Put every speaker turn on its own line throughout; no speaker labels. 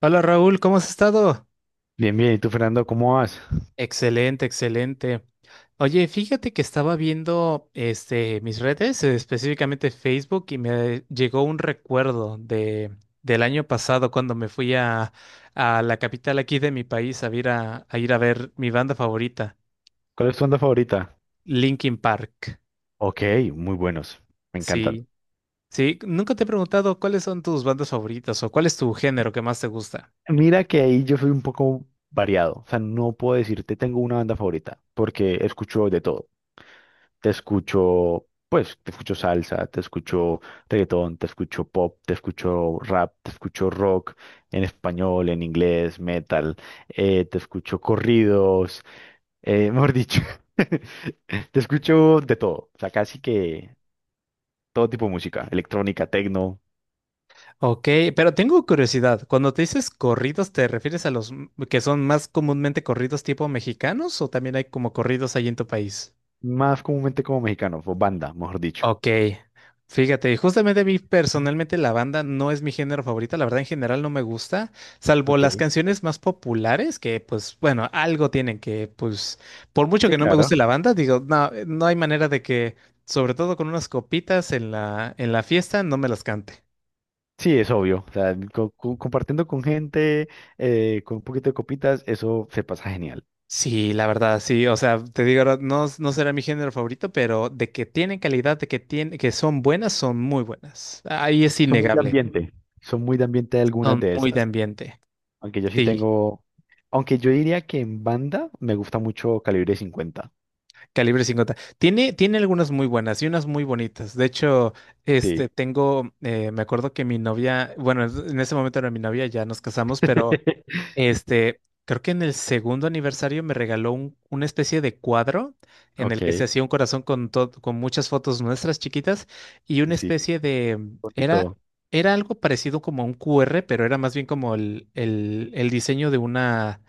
Hola Raúl, ¿cómo has estado?
Bien, bien. ¿Y tú, Fernando, cómo vas?
Excelente, excelente. Oye, fíjate que estaba viendo mis redes, específicamente Facebook, y me llegó un recuerdo del año pasado cuando me fui a la capital aquí de mi país a ir a ver mi banda favorita,
¿Cuál es tu onda favorita?
Linkin Park.
Ok, muy buenos. Me encantan.
Sí, sí, nunca te he preguntado cuáles son tus bandas favoritas o cuál es tu género que más te gusta.
Mira que ahí yo soy un poco variado. O sea, no puedo decirte tengo una banda favorita porque escucho de todo. Te escucho, pues, te escucho salsa, te escucho reggaetón, te escucho pop, te escucho rap, te escucho rock en español, en inglés, metal, te escucho corridos, mejor dicho. Te escucho de todo, o sea, casi que todo tipo de música, electrónica, tecno,
Ok, pero tengo curiosidad. Cuando te dices corridos, ¿te refieres a los que son más comúnmente corridos tipo mexicanos o también hay como corridos ahí en tu país?
más comúnmente como mexicano, o banda, mejor dicho.
Ok, fíjate, justamente a mí personalmente la banda no es mi género favorito, la verdad en general no me gusta, salvo
Ok.
las canciones más populares que pues bueno, algo tienen que pues por mucho
Sí,
que no me guste
claro.
la banda, digo, no, no hay manera de que, sobre todo con unas copitas en la fiesta, no me las cante.
Sí, es obvio. O sea, compartiendo con gente, con un poquito de copitas, eso se pasa genial.
Sí, la verdad, sí. O sea, te digo, ahora, no, no será mi género favorito, pero de que tienen calidad, de que tienen, que son buenas, son muy buenas. Ahí es
Son muy de
innegable.
ambiente. Son muy de ambiente algunas
Son
de
muy de
esas.
ambiente.
Aunque yo sí
Sí,
tengo, aunque yo diría que en banda me gusta mucho Calibre 50.
calibre 50. Tiene, tiene algunas muy buenas y unas muy bonitas. De hecho,
Sí.
tengo, me acuerdo que mi novia, bueno, en ese momento era mi novia, ya nos casamos, pero Este, creo que en el segundo aniversario me regaló una especie de cuadro en el que se
Ok.
hacía un corazón con, con muchas fotos nuestras chiquitas y
Sí,
una
sí.
especie de,
Bonito.
era algo parecido como a un QR, pero era más bien como el diseño de una,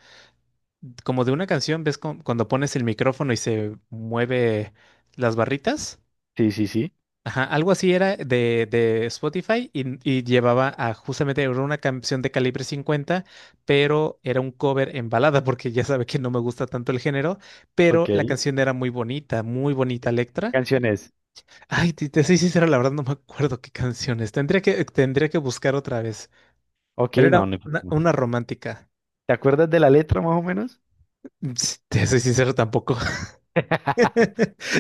como de una canción, ¿ves? Cuando pones el micrófono y se mueve las barritas.
Sí, sí, sí.
Ajá, algo así era de Spotify y llevaba a justamente era una canción de calibre 50, pero era un cover en balada, porque ya sabe que no me gusta tanto el género,
Ok.
pero la
¿Qué
canción era muy bonita letra.
canción es?
Ay, te soy sincero, la verdad no me acuerdo qué canción es. Tendría que buscar otra vez,
Ok,
pero era
no, no. No.
una romántica.
¿Te acuerdas de la letra más o menos?
Ps, te soy sincero tampoco.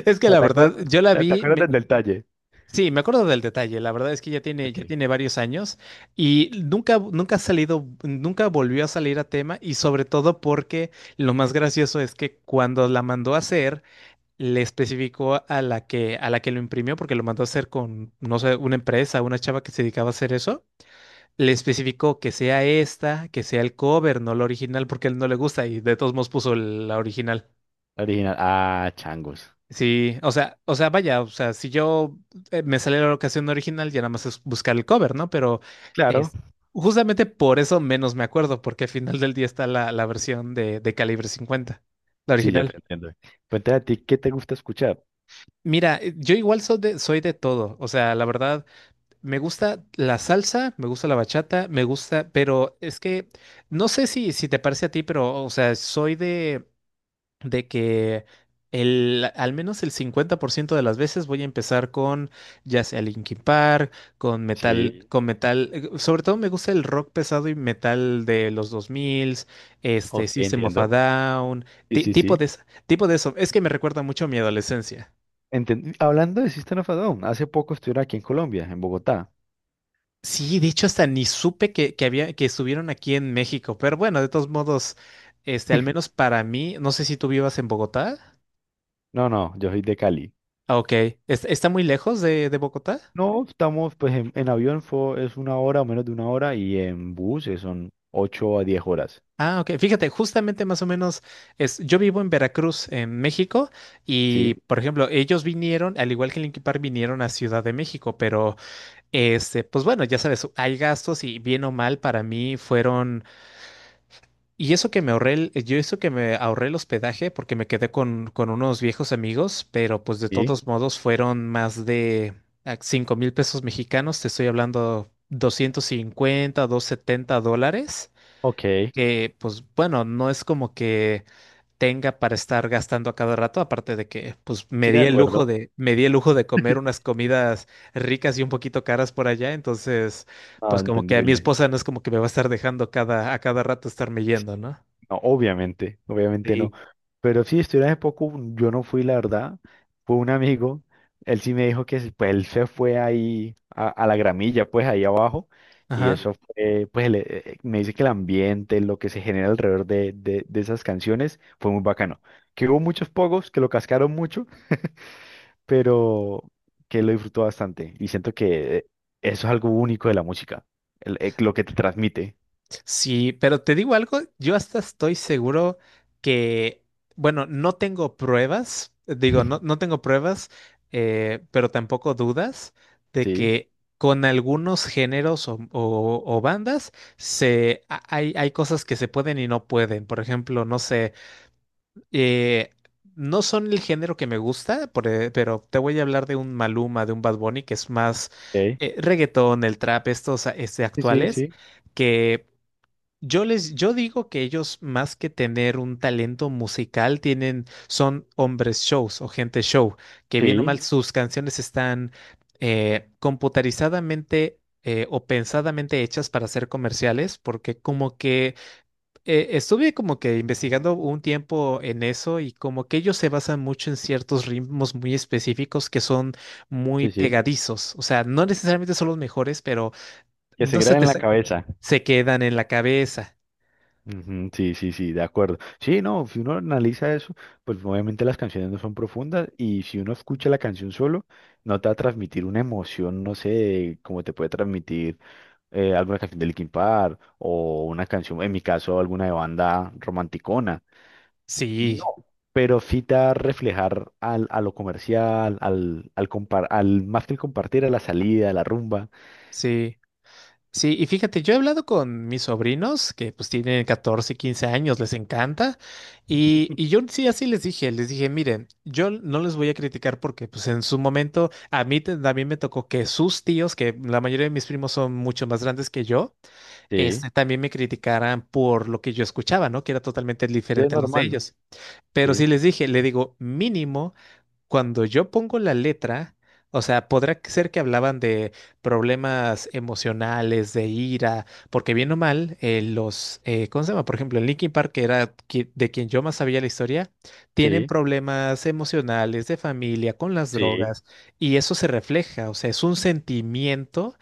Es que
O sea,
la
¿Te
verdad,
acuer-
yo la
te- te
vi,
acuerdas del detalle?
sí, me acuerdo del detalle. La verdad es que
Ok,
ya tiene varios años y nunca, nunca ha salido, nunca volvió a salir a tema y sobre todo porque lo más gracioso es que cuando la mandó a hacer, le especificó a la que lo imprimió, porque lo mandó a hacer con, no sé, una empresa, una chava que se dedicaba a hacer eso. Le especificó que sea esta, que sea el cover, no la original, porque a él no le gusta y de todos modos puso la original.
original. Ah, changos.
Sí, vaya, o sea, si yo me sale la ocasión original, ya nada más es buscar el cover, ¿no? Pero
Claro,
es justamente por eso menos me acuerdo, porque al final del día está la versión de calibre 50, la
sí, ya te
original.
entiendo. Cuéntame a ti, ¿qué te gusta escuchar?
Mira, yo igual soy de todo, o sea, la verdad, me gusta la salsa, me gusta la bachata, me gusta, pero es que no sé si te parece a ti, pero, o sea, soy de que el, al menos el 50% de las veces voy a empezar con ya sea Linkin Park,
Sí,
con metal, sobre todo me gusta el rock pesado y metal de los 2000, este
ok,
System of a
entiendo.
Down,
Sí, sí, sí.
tipo de eso, es que me recuerda mucho a mi adolescencia.
Hablando de System of a Down, hace poco estuvieron aquí en Colombia, en Bogotá.
Sí, de hecho hasta ni supe que había que estuvieron aquí en México, pero bueno, de todos modos, este al menos para mí, no sé si tú vivas en Bogotá.
No, no, yo soy de Cali.
Ah, ok, ¿está muy lejos de Bogotá?
No, estamos, pues en avión es una hora o menos de una hora y en bus son 8 a 10 horas.
Ah, ok. Fíjate, justamente más o menos es, yo vivo en Veracruz, en México, y
Sí,
por ejemplo, ellos vinieron, al igual que Linkin Park, vinieron a Ciudad de México, pero pues bueno, ya sabes, hay gastos y bien o mal para mí fueron, y eso que me ahorré, yo eso que me ahorré el hospedaje porque me quedé con unos viejos amigos, pero pues de
sí,
todos modos fueron más de 5.000 pesos mexicanos, te estoy hablando 250, $70
ok,
que, pues bueno, no es como que tenga para estar gastando a cada rato, aparte de que, pues me
sí, de
di el Sí. lujo
acuerdo.
de, me di el lujo de comer unas comidas ricas y un poquito caras por allá, entonces,
Ah,
pues como que a mi
entendible.
esposa no es como que me va a estar dejando a cada rato estarme yendo, ¿no?
No, obviamente, obviamente no.
Sí.
Pero sí, estuve hace poco, yo no fui, la verdad. Fue un amigo, él sí me dijo que pues, él se fue ahí a la gramilla, pues ahí abajo. Y
Ajá.
eso fue, pues me dice que el ambiente, lo que se genera alrededor de esas canciones, fue muy bacano. Que hubo muchos pogos, que lo cascaron mucho, pero que lo disfrutó bastante. Y siento que eh, eso es algo único de la música, lo que te transmite.
Sí, pero te digo algo, yo hasta estoy seguro que, bueno, no tengo pruebas, digo, no, no tengo pruebas, pero tampoco dudas de
Sí,
que con algunos géneros o bandas hay cosas que se pueden y no pueden. Por ejemplo, no sé, eh, no son el género que me gusta, pero te voy a hablar de un Maluma, de un Bad Bunny, que es más
ok.
reggaetón, el trap,
Sí, sí,
actuales
sí.
que yo digo que ellos más que tener un talento musical tienen, son hombres shows o gente show, que bien o
Sí,
mal sus canciones están computarizadamente o pensadamente hechas para ser comerciales, porque como que estuve como que investigando un tiempo en eso y como que ellos se basan mucho en ciertos ritmos muy específicos que son muy
sí, sí,
pegadizos, o sea, no necesariamente son los mejores, pero
que se
no se
queda
te
en la
sa-
cabeza.
se quedan en la cabeza.
Ujú, sí, sí, sí, de acuerdo. Sí, no, si uno analiza eso, pues obviamente las canciones no son profundas y si uno escucha la canción solo, no te va a transmitir una emoción, no sé, como te puede transmitir alguna canción de Linkin Park o una canción, en mi caso, alguna de banda romanticona. No,
Sí,
pero sí te va a reflejar al, a lo comercial, al más que el compartir, a la salida, a la rumba.
sí, sí. Y fíjate, yo he hablado con mis sobrinos que pues tienen 14, 15 años, les encanta. Y yo sí, así les dije, miren, yo no les voy a criticar porque pues en su momento a mí también me tocó que sus tíos, que la mayoría de mis primos son mucho más grandes que yo,
Sí,
también me criticaran por lo que yo escuchaba, ¿no? Que era totalmente
sí, es
diferente a los de
normal.
ellos. Pero
Sí,
sí les dije, le digo, mínimo cuando yo pongo la letra, o sea, podrá ser que hablaban de problemas emocionales, de ira, porque bien o mal, ¿cómo se llama? Por ejemplo, en Linkin Park, que era de quien yo más sabía la historia, tienen
sí,
problemas emocionales, de familia, con las
sí.
drogas, y eso se refleja, o sea, es un sentimiento.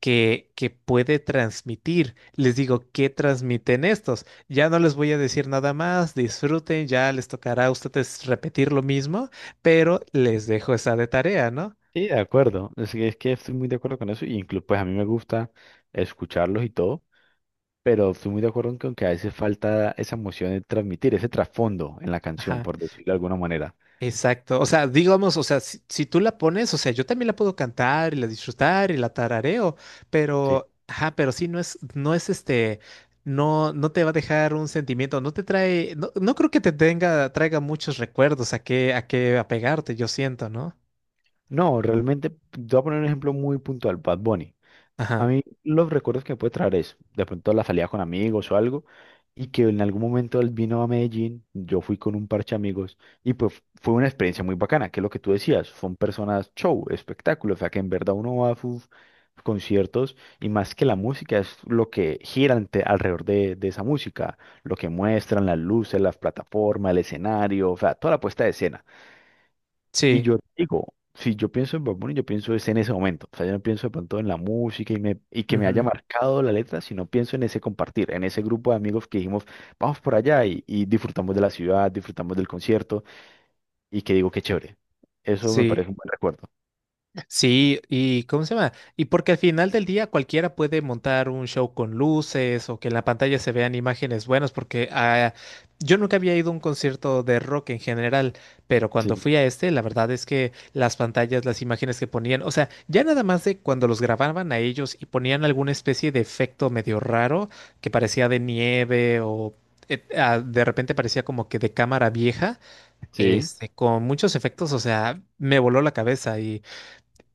Que puede transmitir. Les digo, ¿qué transmiten estos? Ya no les voy a decir nada más, disfruten, ya les tocará a ustedes repetir lo mismo, pero les dejo esa de tarea, ¿no?
Sí, de acuerdo. Es que estoy muy de acuerdo con eso. Y incluso, pues a mí me gusta escucharlos y todo, pero estoy muy de acuerdo en que, aunque a veces falta esa emoción de transmitir, ese trasfondo en la canción,
Ajá,
por decirlo de alguna manera.
exacto. O sea, digamos, o sea, si tú la pones, o sea, yo también la puedo cantar y la disfrutar y la tarareo,
Sí.
pero, ajá, pero sí, no es este, no, no te va a dejar un sentimiento, no te trae, no, no creo que te tenga, traiga muchos recuerdos a qué apegarte, yo siento, ¿no?
No, realmente, te voy a poner un ejemplo muy puntual, Bad Bunny. A
Ajá,
mí los recuerdos que me puede traer es de pronto la salida con amigos o algo, y que en algún momento él vino a Medellín, yo fui con un parche de amigos, y pues fue una experiencia muy bacana, que es lo que tú decías, son personas show, espectáculo, o sea que en verdad uno va a sus conciertos y más que la música es lo que gira alrededor de esa música, lo que muestran, las luces, las plataformas, el escenario, o sea, toda la puesta de escena. Y
sí,
yo digo, si yo pienso en Bad Bunny, yo pienso es en ese momento. O sea, yo no pienso de pronto en la música y que me haya
ujú,
marcado la letra, sino pienso en ese compartir, en ese grupo de amigos que dijimos, vamos por allá y disfrutamos de la ciudad, disfrutamos del concierto y que digo, qué chévere. Eso me
sí.
parece un buen recuerdo.
Sí, y ¿cómo se llama? Y porque al final del día cualquiera puede montar un show con luces o que en la pantalla se vean imágenes buenas, porque yo nunca había ido a un concierto de rock en general, pero cuando
Sí,
fui a este, la verdad es que las pantallas, las imágenes que ponían, o sea, ya nada más de cuando los grababan a ellos y ponían alguna especie de efecto medio raro que parecía de nieve o... de repente parecía como que de cámara vieja,
sí,
con muchos efectos, o sea, me voló la cabeza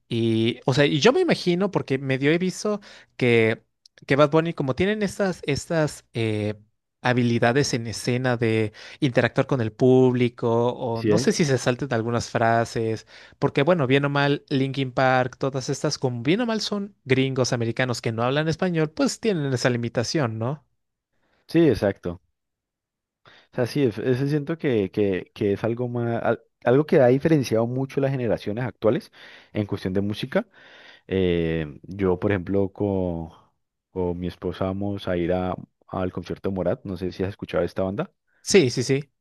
y, o sea, y yo me imagino, porque medio he visto que, que Bad Bunny, como tienen estas habilidades en escena de interactuar con el público, o
sí,
no sé
¿eh?
si se salten algunas frases, porque bueno, bien o mal, Linkin Park, todas estas, como bien o mal son gringos americanos que no hablan español, pues tienen esa limitación, ¿no?
Sí, exacto. O sea, sí, ese siento que es algo más, algo que ha diferenciado mucho las generaciones actuales en cuestión de música. Yo, por ejemplo, con, mi esposa vamos a ir al concierto de Morat. No sé si has escuchado esta banda.
Sí, sí, sí.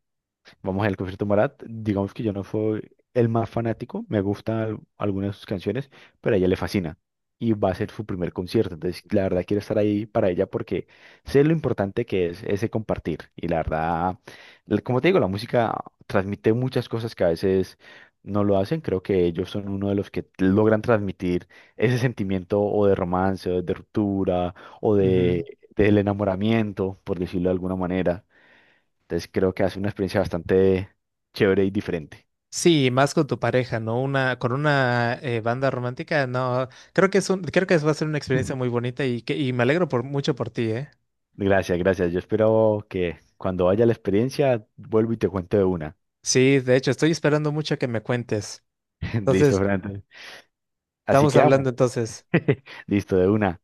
Vamos al concierto de Morat. Digamos que yo no soy el más fanático, me gustan algunas de sus canciones, pero a ella le fascina y va a ser su primer concierto. Entonces, la verdad, quiero estar ahí para ella porque sé lo importante que es ese compartir. Y la verdad, como te digo, la música transmite muchas cosas que a veces no lo hacen. Creo que ellos son uno de los que logran transmitir ese sentimiento o de romance, o de ruptura, o
Ujú.
del enamoramiento, por decirlo de alguna manera. Entonces creo que hace una experiencia bastante chévere y diferente.
Sí, más con tu pareja, ¿no? Una, con una banda romántica, no. Creo que es un, creo que va a ser una experiencia muy bonita y que, y me alegro por mucho por ti, ¿eh?
Gracias, gracias. Yo espero que cuando vaya la experiencia, vuelvo y te cuento de una.
Sí, de hecho, estoy esperando mucho que me cuentes.
Listo,
Entonces,
Fran. Así
estamos
quedamos.
hablando entonces.
Listo, de una.